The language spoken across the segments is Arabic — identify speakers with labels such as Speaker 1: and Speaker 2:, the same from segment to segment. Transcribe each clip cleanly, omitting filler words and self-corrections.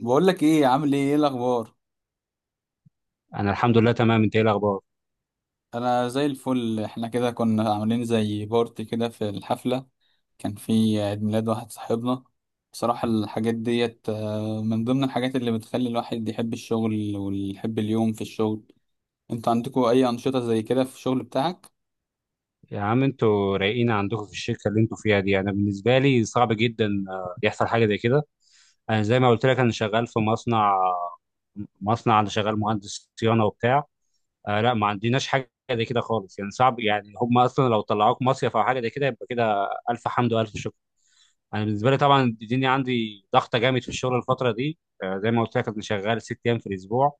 Speaker 1: بقول لك ايه، عامل ايه؟ ايه الاخبار؟
Speaker 2: انا الحمد لله تمام. انت ايه الاخبار؟
Speaker 1: انا زي الفل. احنا كده كنا عاملين زي بارتي كده في الحفله. كان في عيد ميلاد واحد صاحبنا. بصراحه الحاجات ديت من ضمن الحاجات اللي بتخلي الواحد يحب الشغل ويحب اليوم في الشغل. انتوا عندكم اي انشطه زي كده في الشغل بتاعك؟
Speaker 2: يا عم انتوا رايقين عندكم في الشركه اللي انتوا فيها دي. انا بالنسبه لي صعب جدا يحصل حاجه زي كده. انا زي ما قلت لك انا شغال في مصنع. مصنع، انا شغال مهندس صيانه وبتاع. آه، لا، ما عندناش حاجه زي كده خالص، يعني صعب، يعني هم اصلا لو طلعوك مصيف او حاجه زي كده يبقى كده الف حمد والف شكر. انا بالنسبه لي طبعا الدنيا عندي ضغطه جامد في الشغل الفتره دي. زي ما قلت لك انا شغال 6 ايام في الاسبوع.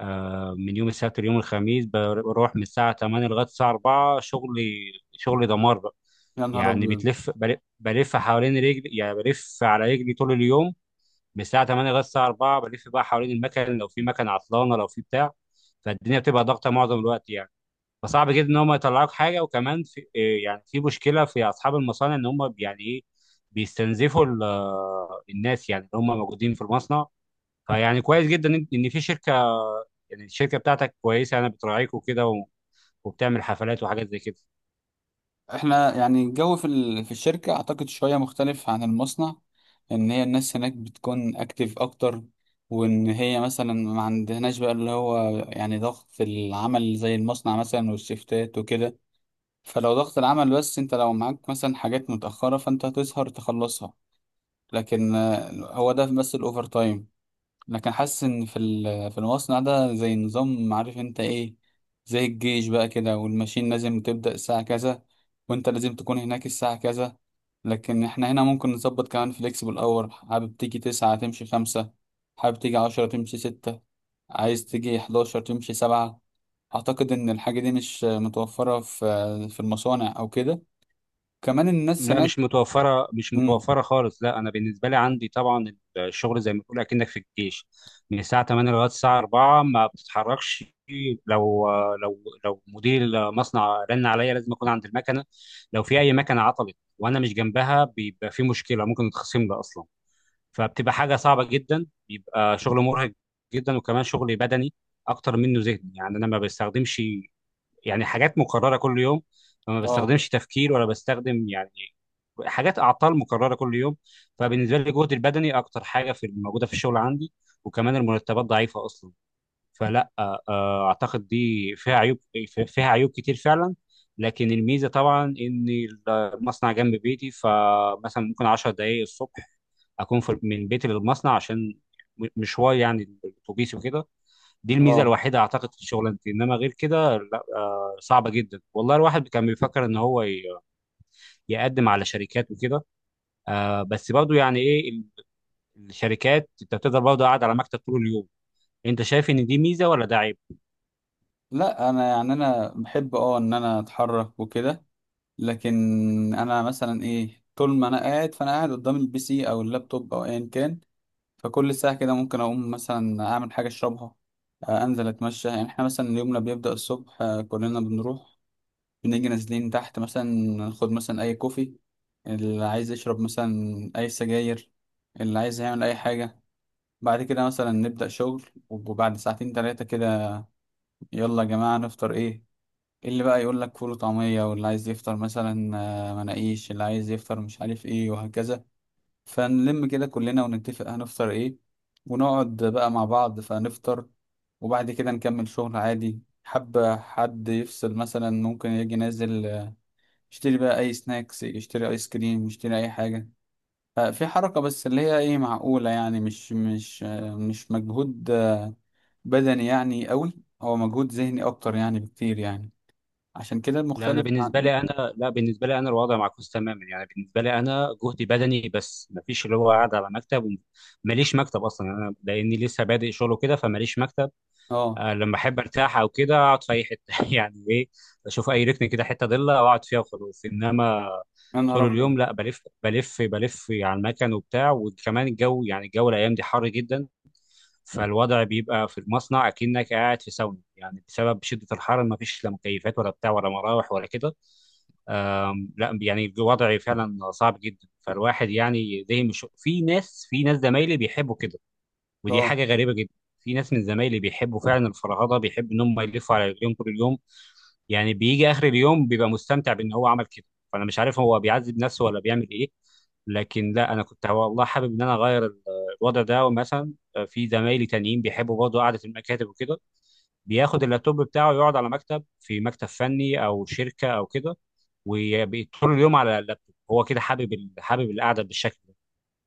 Speaker 2: من يوم السبت ليوم الخميس بروح من الساعة 8 لغاية الساعة 4. شغلي دمار بقى.
Speaker 1: يا نهار
Speaker 2: يعني
Speaker 1: ابيض.
Speaker 2: بتلف بلف حوالين رجلي، يعني بلف على رجلي طول اليوم. من الساعة 8 لغاية الساعة 4 بلف بقى حوالين المكن، لو في مكن عطلانة، لو في بتاع. فالدنيا بتبقى ضغطة معظم الوقت يعني. فصعب جدا ان هم يطلعوك حاجة. وكمان في إيه؟ يعني في مشكلة في اصحاب المصانع، ان هم يعني ايه، بيستنزفوا الناس يعني اللي هم موجودين في المصنع. فيعني كويس جدا ان في شركة، يعني الشركه بتاعتك كويسه، يعني بتراعيك وكده وبتعمل حفلات وحاجات زي كده.
Speaker 1: احنا يعني الجو في الشركة اعتقد شوية مختلف عن المصنع. ان هي الناس هناك بتكون اكتيف اكتر، وان هي مثلا ما عندهناش بقى اللي هو يعني ضغط العمل زي المصنع مثلا والشيفتات وكده. فلو ضغط العمل، بس انت لو معاك مثلا حاجات متأخرة فانت هتسهر تخلصها. لكن هو ده بس الاوفر تايم. لكن حاسس ان في المصنع ده زي نظام، عارف انت ايه؟ زي الجيش بقى كده، والماشين لازم تبدأ الساعة كذا، وانت لازم تكون هناك الساعة كذا. لكن احنا هنا ممكن نظبط كمان فليكسبل اور. حابب تيجي تسعة تمشي خمسة، حابب تيجي عشرة تمشي ستة، عايز تيجي حداشر تمشي سبعة. اعتقد ان الحاجة دي مش متوفرة في المصانع او كده. كمان الناس
Speaker 2: لا، مش
Speaker 1: هناك.
Speaker 2: متوفره مش
Speaker 1: امم
Speaker 2: متوفره خالص. لا انا بالنسبه لي عندي طبعا الشغل زي ما تقول اكنك في الجيش من الساعه 8 لغايه الساعه 4 ما بتتحركش. لو لو لو مدير مصنع رن عليا لازم اكون عند المكنه. لو في اي مكنه عطلت وانا مش جنبها، بيبقى في مشكله ممكن نتخصم لي اصلا. فبتبقى حاجه صعبه جدا، بيبقى شغل مرهق جدا. وكمان شغل بدني اكتر منه ذهني، يعني انا ما بستخدمش، يعني حاجات مكررة كل يوم. فما
Speaker 1: اه.
Speaker 2: بستخدمش تفكير ولا بستخدم يعني حاجات أعطال مكررة كل يوم. فبالنسبة لي الجهد البدني أكتر حاجة في موجودة في الشغل عندي. وكمان المرتبات ضعيفة أصلا. فلا، أعتقد دي فيها عيوب، فيها عيوب كتير فعلا. لكن الميزة طبعا إن المصنع جنب بيتي، فمثلا ممكن 10 دقايق الصبح أكون في من بيتي للمصنع، عشان مشوار يعني الأتوبيس وكده. دي الميزه
Speaker 1: اه.
Speaker 2: الوحيده اعتقد في شغلانتي، انما غير كده لا. صعبه جدا والله. الواحد كان بيفكر ان هو يقدم على شركات وكده. بس برضه، يعني ايه الشركات؟ انت بتقدر برضه قاعد على مكتب طول اليوم. انت شايف ان دي ميزه ولا ده عيب؟
Speaker 1: لا، انا يعني انا بحب ان انا اتحرك وكده. لكن انا مثلا ايه، طول ما انا قاعد فانا قاعد قدام البي سي او اللابتوب او ايا كان. فكل ساعه كده ممكن اقوم مثلا اعمل حاجه اشربها، انزل اتمشى. يعني احنا مثلا يومنا بيبدا الصبح، كلنا بنروح بنيجي نازلين تحت، مثلا ناخد مثلا اي كوفي. اللي عايز يشرب مثلا اي سجاير، اللي عايز يعمل اي حاجه. بعد كده مثلا نبدا شغل، وبعد ساعتين 3 كده، يلا يا جماعه نفطر ايه؟ اللي بقى يقول لك فول وطعمية، واللي عايز يفطر مثلا مناقيش، اللي عايز يفطر مش عارف ايه، وهكذا. فنلم كده كلنا ونتفق هنفطر ايه، ونقعد بقى مع بعض فنفطر. وبعد كده نكمل شغل عادي. حب حد يفصل مثلا ممكن يجي نازل، يشتري بقى اي سناكس، يشتري ايس كريم، يشتري اي حاجة. ففي حركة بس اللي هي ايه، معقولة يعني، مش مجهود بدني يعني قوي. هو مجهود ذهني اكتر يعني بكتير يعني. عشان كده
Speaker 2: لا انا
Speaker 1: المختلف
Speaker 2: بالنسبه
Speaker 1: عن.
Speaker 2: لي انا لا بالنسبه لي انا الوضع معكوس تماما. يعني بالنسبه لي انا جهدي بدني بس، مفيش اللي هو قاعد على مكتب. وماليش مكتب اصلا، انا لاني لسه بادئ شغله كده فماليش مكتب.
Speaker 1: اه.
Speaker 2: لما احب ارتاح او كده اقعد في اي حته يعني ايه، اشوف اي ركن كده حته ضله واقعد فيها وخلاص. انما
Speaker 1: يا نهار
Speaker 2: طول
Speaker 1: ابيض.
Speaker 2: اليوم لا، بلف على المكن وبتاع. وكمان الجو، يعني الايام دي حر جدا. فالوضع بيبقى في المصنع اكنك قاعد في ساونا، يعني بسبب شده الحر. ما فيش لا مكيفات ولا بتاع ولا مراوح ولا كده. لا يعني الوضع فعلا صعب جدا. فالواحد يعني، ده مش في ناس زمايلي بيحبوا كده، ودي
Speaker 1: اه،
Speaker 2: حاجه غريبه جدا. في ناس من زمايلي بيحبوا فعلا الفرهده، بيحبوا ان هم يلفوا على رجليهم طول اليوم. يعني بيجي اخر اليوم بيبقى مستمتع بان هو عمل كده. فانا مش عارف هو بيعذب نفسه ولا بيعمل ايه. لكن لا، انا كنت والله حابب ان انا اغير الوضع ده. ومثلا في زمايلي تانيين بيحبوا برضه قعده المكاتب وكده، بياخد اللابتوب بتاعه يقعد على مكتب في مكتب فني او شركه او كده، وطول اليوم على اللابتوب. هو كده حابب القعده بالشكل ده.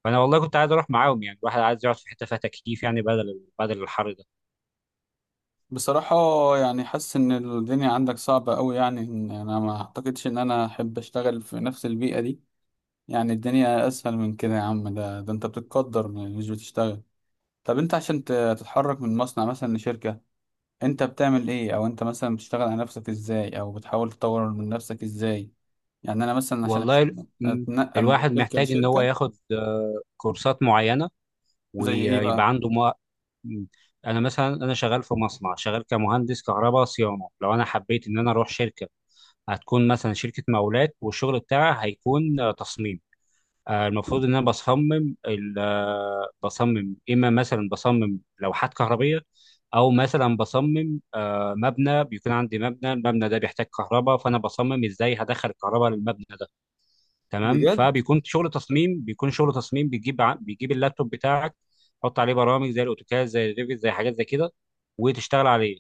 Speaker 2: فانا والله كنت عايز اروح معاهم، يعني الواحد عايز يقعد في حته فيها تكييف، يعني بدل الحر ده.
Speaker 1: بصراحة يعني حاسس ان الدنيا عندك صعبة قوي، يعني إن انا ما اعتقدش ان انا احب اشتغل في نفس البيئة دي. يعني الدنيا اسهل من كده يا عم، ده انت بتتقدر مش بتشتغل. طب انت عشان تتحرك من مصنع مثلا لشركة، انت بتعمل ايه؟ او انت مثلا بتشتغل على نفسك ازاي؟ او بتحاول تطور من نفسك ازاي؟ يعني انا مثلا عشان
Speaker 2: والله م-
Speaker 1: اتنقل من
Speaker 2: الواحد
Speaker 1: شركة
Speaker 2: محتاج ان هو
Speaker 1: لشركة.
Speaker 2: ياخد كورسات معينه،
Speaker 1: زي ايه بقى؟
Speaker 2: ويبقى عنده م- انا مثلا انا شغال في مصنع، شغال كمهندس كهرباء صيانه. لو انا حبيت ان انا اروح شركه، هتكون مثلا شركه مقاولات والشغل بتاعها هيكون تصميم. المفروض ان انا بصمم اما مثلا بصمم لوحات كهربيه، او مثلا بصمم مبنى. بيكون عندي المبنى ده بيحتاج كهرباء، فانا بصمم ازاي هدخل الكهرباء للمبنى ده. تمام.
Speaker 1: بجد.
Speaker 2: فبيكون شغل تصميم، بتجيب اللابتوب بتاعك، تحط عليه برامج زي الاوتوكاد، زي الريفيت، زي حاجات زي كده، وتشتغل عليه.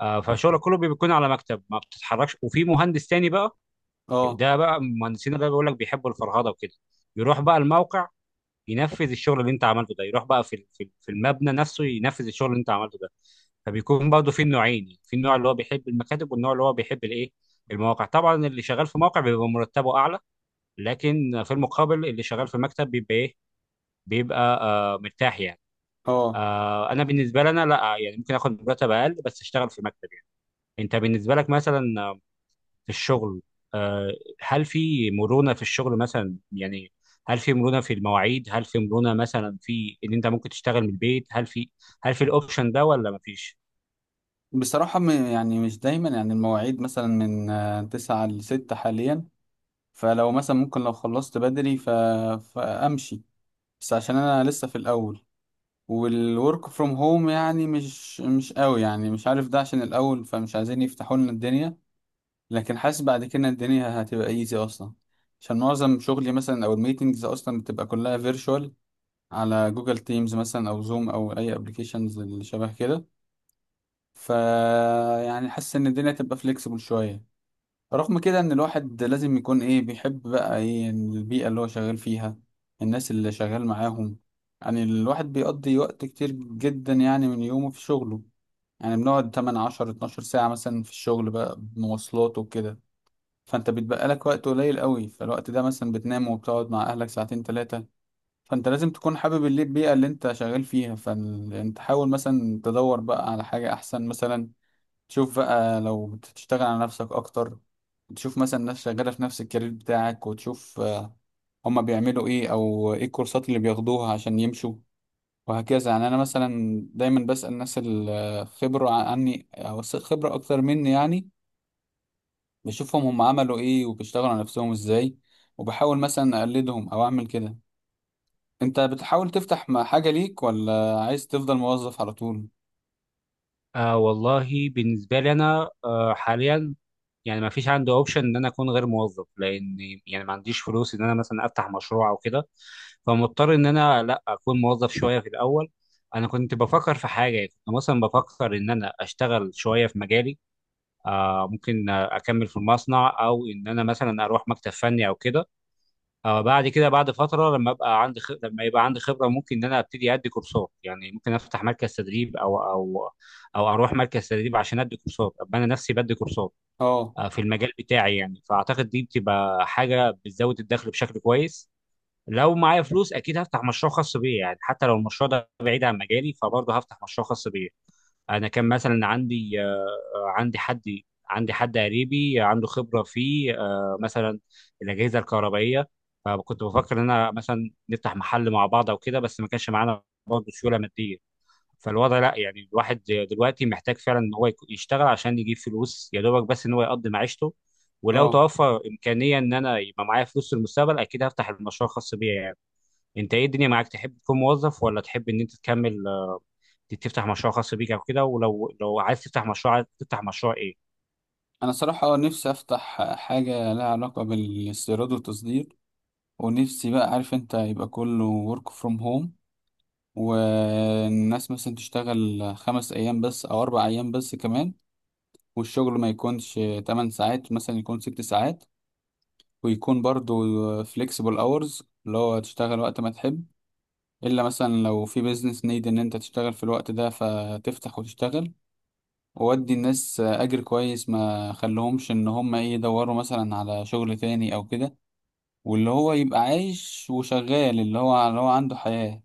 Speaker 2: فشغلك كله بيكون على مكتب، ما بتتحركش. وفي مهندس تاني بقى،
Speaker 1: اه.
Speaker 2: ده بقى المهندسين ده بيقول لك بيحبوا الفرهده وكده، يروح بقى الموقع، ينفذ الشغل اللي انت عملته ده، يروح بقى في المبنى نفسه ينفذ الشغل اللي انت عملته ده. فبيكون برضه في نوعين، يعني في النوع اللي هو بيحب المكاتب، والنوع اللي هو بيحب الايه، المواقع. طبعا اللي شغال في موقع بيبقى مرتبه اعلى، لكن في المقابل اللي شغال في مكتب بيبقى ايه، بيبقى مرتاح يعني.
Speaker 1: اه،
Speaker 2: انا بالنسبه لي انا لا، يعني ممكن اخد مرتب اقل بس اشتغل في مكتب يعني. انت بالنسبه لك مثلا، في الشغل، آه، هل في مرونة في الشغل مثلا يعني؟ هل في مرونة في المواعيد؟ هل في مرونة مثلا في ان انت ممكن تشتغل من البيت؟ هل في، هل في الاوبشن ده ولا مفيش؟
Speaker 1: بصراحة يعني مش دايما. يعني المواعيد مثلا من من 9 لـ6 حاليا. فلو مثلا ممكن لو خلصت بدري ف... فأمشي. بس عشان أنا لسه في الأول، والورك فروم هوم يعني مش قوي، يعني مش عارف ده عشان الأول فمش عايزين يفتحوا لنا الدنيا. لكن حاسس بعد كده الدنيا هتبقى ايزي أصلا، عشان معظم شغلي مثلا أو الميتنجز أصلا بتبقى كلها فيرتشوال، على جوجل تيمز مثلا أو زوم أو أي أبلكيشنز اللي شبه كده. ف، يعني حاسس ان الدنيا تبقى فليكسبل شويه. رغم كده ان الواحد لازم يكون ايه، بيحب بقى ايه البيئة اللي هو شغال فيها، الناس اللي شغال معاهم. يعني الواحد بيقضي وقت كتير جدا يعني من يومه في شغله. يعني بنقعد 8 10 12 ساعة مثلا في الشغل بقى بمواصلات وكده. فانت بيتبقى لك وقت قليل قوي، فالوقت ده مثلا بتنام وبتقعد مع اهلك ساعتين 3. فانت لازم تكون حابب البيئة اللي انت شغال فيها. فانت حاول مثلا تدور بقى على حاجة احسن مثلا. شوف بقى، لو بتشتغل على نفسك اكتر، تشوف مثلا ناس شغالة في نفس الكارير بتاعك، وتشوف هما بيعملوا ايه، او ايه الكورسات اللي بياخدوها عشان يمشوا، وهكذا. يعني انا مثلا دايما بسأل ناس الخبرة عني او خبرة اكتر مني يعني. بشوفهم هم عملوا ايه، وبيشتغلوا على نفسهم ازاي، وبحاول مثلا اقلدهم او اعمل كده. انت بتحاول تفتح مع حاجة ليك، ولا عايز تفضل موظف على طول؟
Speaker 2: والله بالنسبة لي انا حاليا، يعني ما فيش عندي اوبشن ان انا اكون غير موظف، لان يعني ما عنديش فلوس ان انا مثلا افتح مشروع او كده. فمضطر ان انا لا اكون موظف شويه في الاول. انا كنت بفكر في حاجه، كنت مثلا بفكر ان انا اشتغل شويه في مجالي، ممكن اكمل في المصنع او ان انا مثلا اروح مكتب فني او كده. بعد كده بعد فتره، لما يبقى عندي خبره ممكن ان انا ابتدي ادي كورسات، يعني ممكن افتح مركز تدريب او او اروح مركز تدريب عشان ادي كورسات ابقى انا نفسي بدي كورسات،
Speaker 1: اه.
Speaker 2: في المجال بتاعي يعني. فاعتقد دي بتبقى حاجه بتزود الدخل بشكل كويس. لو معايا فلوس اكيد هفتح مشروع خاص بيا يعني. حتى لو المشروع ده بعيد عن مجالي، فبرضه هفتح مشروع خاص بيا. انا كان مثلا عندي عندي حد عندي حد قريبي عنده خبره في مثلا الاجهزه الكهربائيه. فكنت بفكر ان انا مثلا نفتح محل مع بعض او كده، بس ما كانش معانا برضه سيوله ماديه. فالوضع لا، يعني الواحد دلوقتي محتاج فعلا ان هو يشتغل عشان يجيب فلوس يا دوبك، بس ان هو يقضي معيشته. ولو
Speaker 1: اه،
Speaker 2: توفر امكانيه ان انا يبقى معايا فلوس في المستقبل، اكيد هفتح المشروع الخاص بيا يعني. انت ايه، الدنيا معاك؟ تحب تكون موظف ولا تحب ان انت تكمل تفتح مشروع خاص بيك او كده؟ ولو لو عايز تفتح مشروع، عايز تفتح مشروع ايه؟
Speaker 1: انا صراحة نفسي افتح حاجة لها علاقة بالاستيراد والتصدير. ونفسي بقى، عارف انت، يبقى كله work from home. والناس مثلا تشتغل 5 ايام بس او 4 ايام بس كمان. والشغل ما يكونش 8 ساعات مثلا، يكون 6 ساعات. ويكون برضو flexible hours، اللي هو تشتغل وقت ما تحب. الا مثلا لو في business need ان انت تشتغل في الوقت ده فتفتح وتشتغل. وودي الناس اجر كويس ما خلهمش ان هم ايه يدوروا مثلا على شغل تاني او كده. واللي هو يبقى عايش وشغال، اللي هو عنده حياة.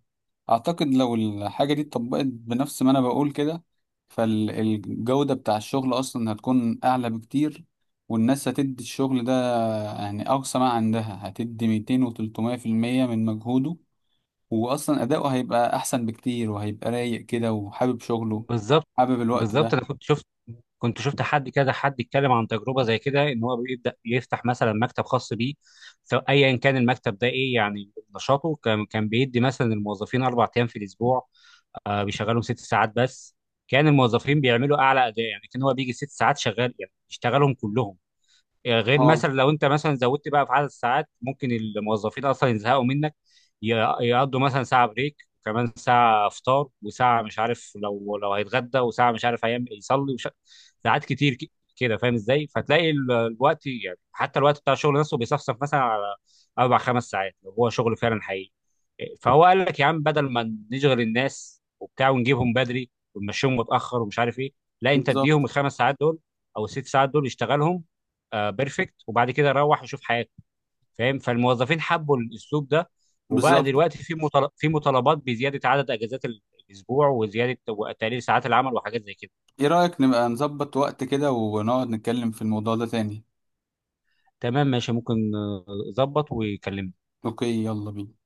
Speaker 1: أعتقد لو الحاجة دي اتطبقت بنفس ما أنا بقول كده، فالجودة بتاع الشغل أصلا هتكون أعلى بكتير. والناس هتدي الشغل ده، يعني أقصى ما عندها، هتدي 200% و300% من مجهوده. وأصلا أداؤه هيبقى أحسن بكتير، وهيبقى رايق كده وحابب شغله،
Speaker 2: بالظبط.
Speaker 1: حابب الوقت
Speaker 2: بالظبط
Speaker 1: ده.
Speaker 2: انا كنت شفت حد كده، حد يتكلم عن تجربه زي كده ان هو بيبدا يفتح مثلا مكتب خاص بيه، سواء ايا كان المكتب ده ايه يعني نشاطه، كان بيدي مثلا الموظفين 4 ايام في الاسبوع، بيشغلهم 6 ساعات بس. كان الموظفين بيعملوا اعلى اداء، يعني كان هو بيجي 6 ساعات شغال يعني يشتغلهم كلهم. يعني غير
Speaker 1: اه.
Speaker 2: مثلا لو انت مثلا زودت بقى في عدد الساعات، ممكن الموظفين اصلا يزهقوا منك، ي- يقضوا مثلا ساعه بريك، وكمان ساعه فطار، وساعه مش عارف لو هيتغدى، وساعه مش عارف هيعمل يصلي ساعات كتير كده فاهم ازاي. فتلاقي الوقت، يعني حتى الوقت بتاع الشغل نفسه بيصفصف مثلا على اربع خمس ساعات لو هو شغل فعلا حقيقي. فهو قال لك يا عم، بدل ما نشغل الناس وبتاع ونجيبهم بدري ونمشيهم متاخر ومش عارف ايه، لا انت
Speaker 1: بالظبط.
Speaker 2: اديهم الخمس ساعات دول او الست ساعات دول يشتغلهم. بيرفكت، وبعد كده روح وشوف حياتك. فاهم؟ فالموظفين حبوا الاسلوب ده، وبقى
Speaker 1: بالظبط.
Speaker 2: دلوقتي في مطالبات بزياده عدد اجازات الاسبوع، وزياده وتقليل ساعات العمل وحاجات زي كده.
Speaker 1: ايه رأيك نبقى نظبط وقت كده ونقعد نتكلم في الموضوع ده تاني؟
Speaker 2: تمام، ماشي، ممكن ظبط وكلمني.
Speaker 1: اوكي، يلا بينا.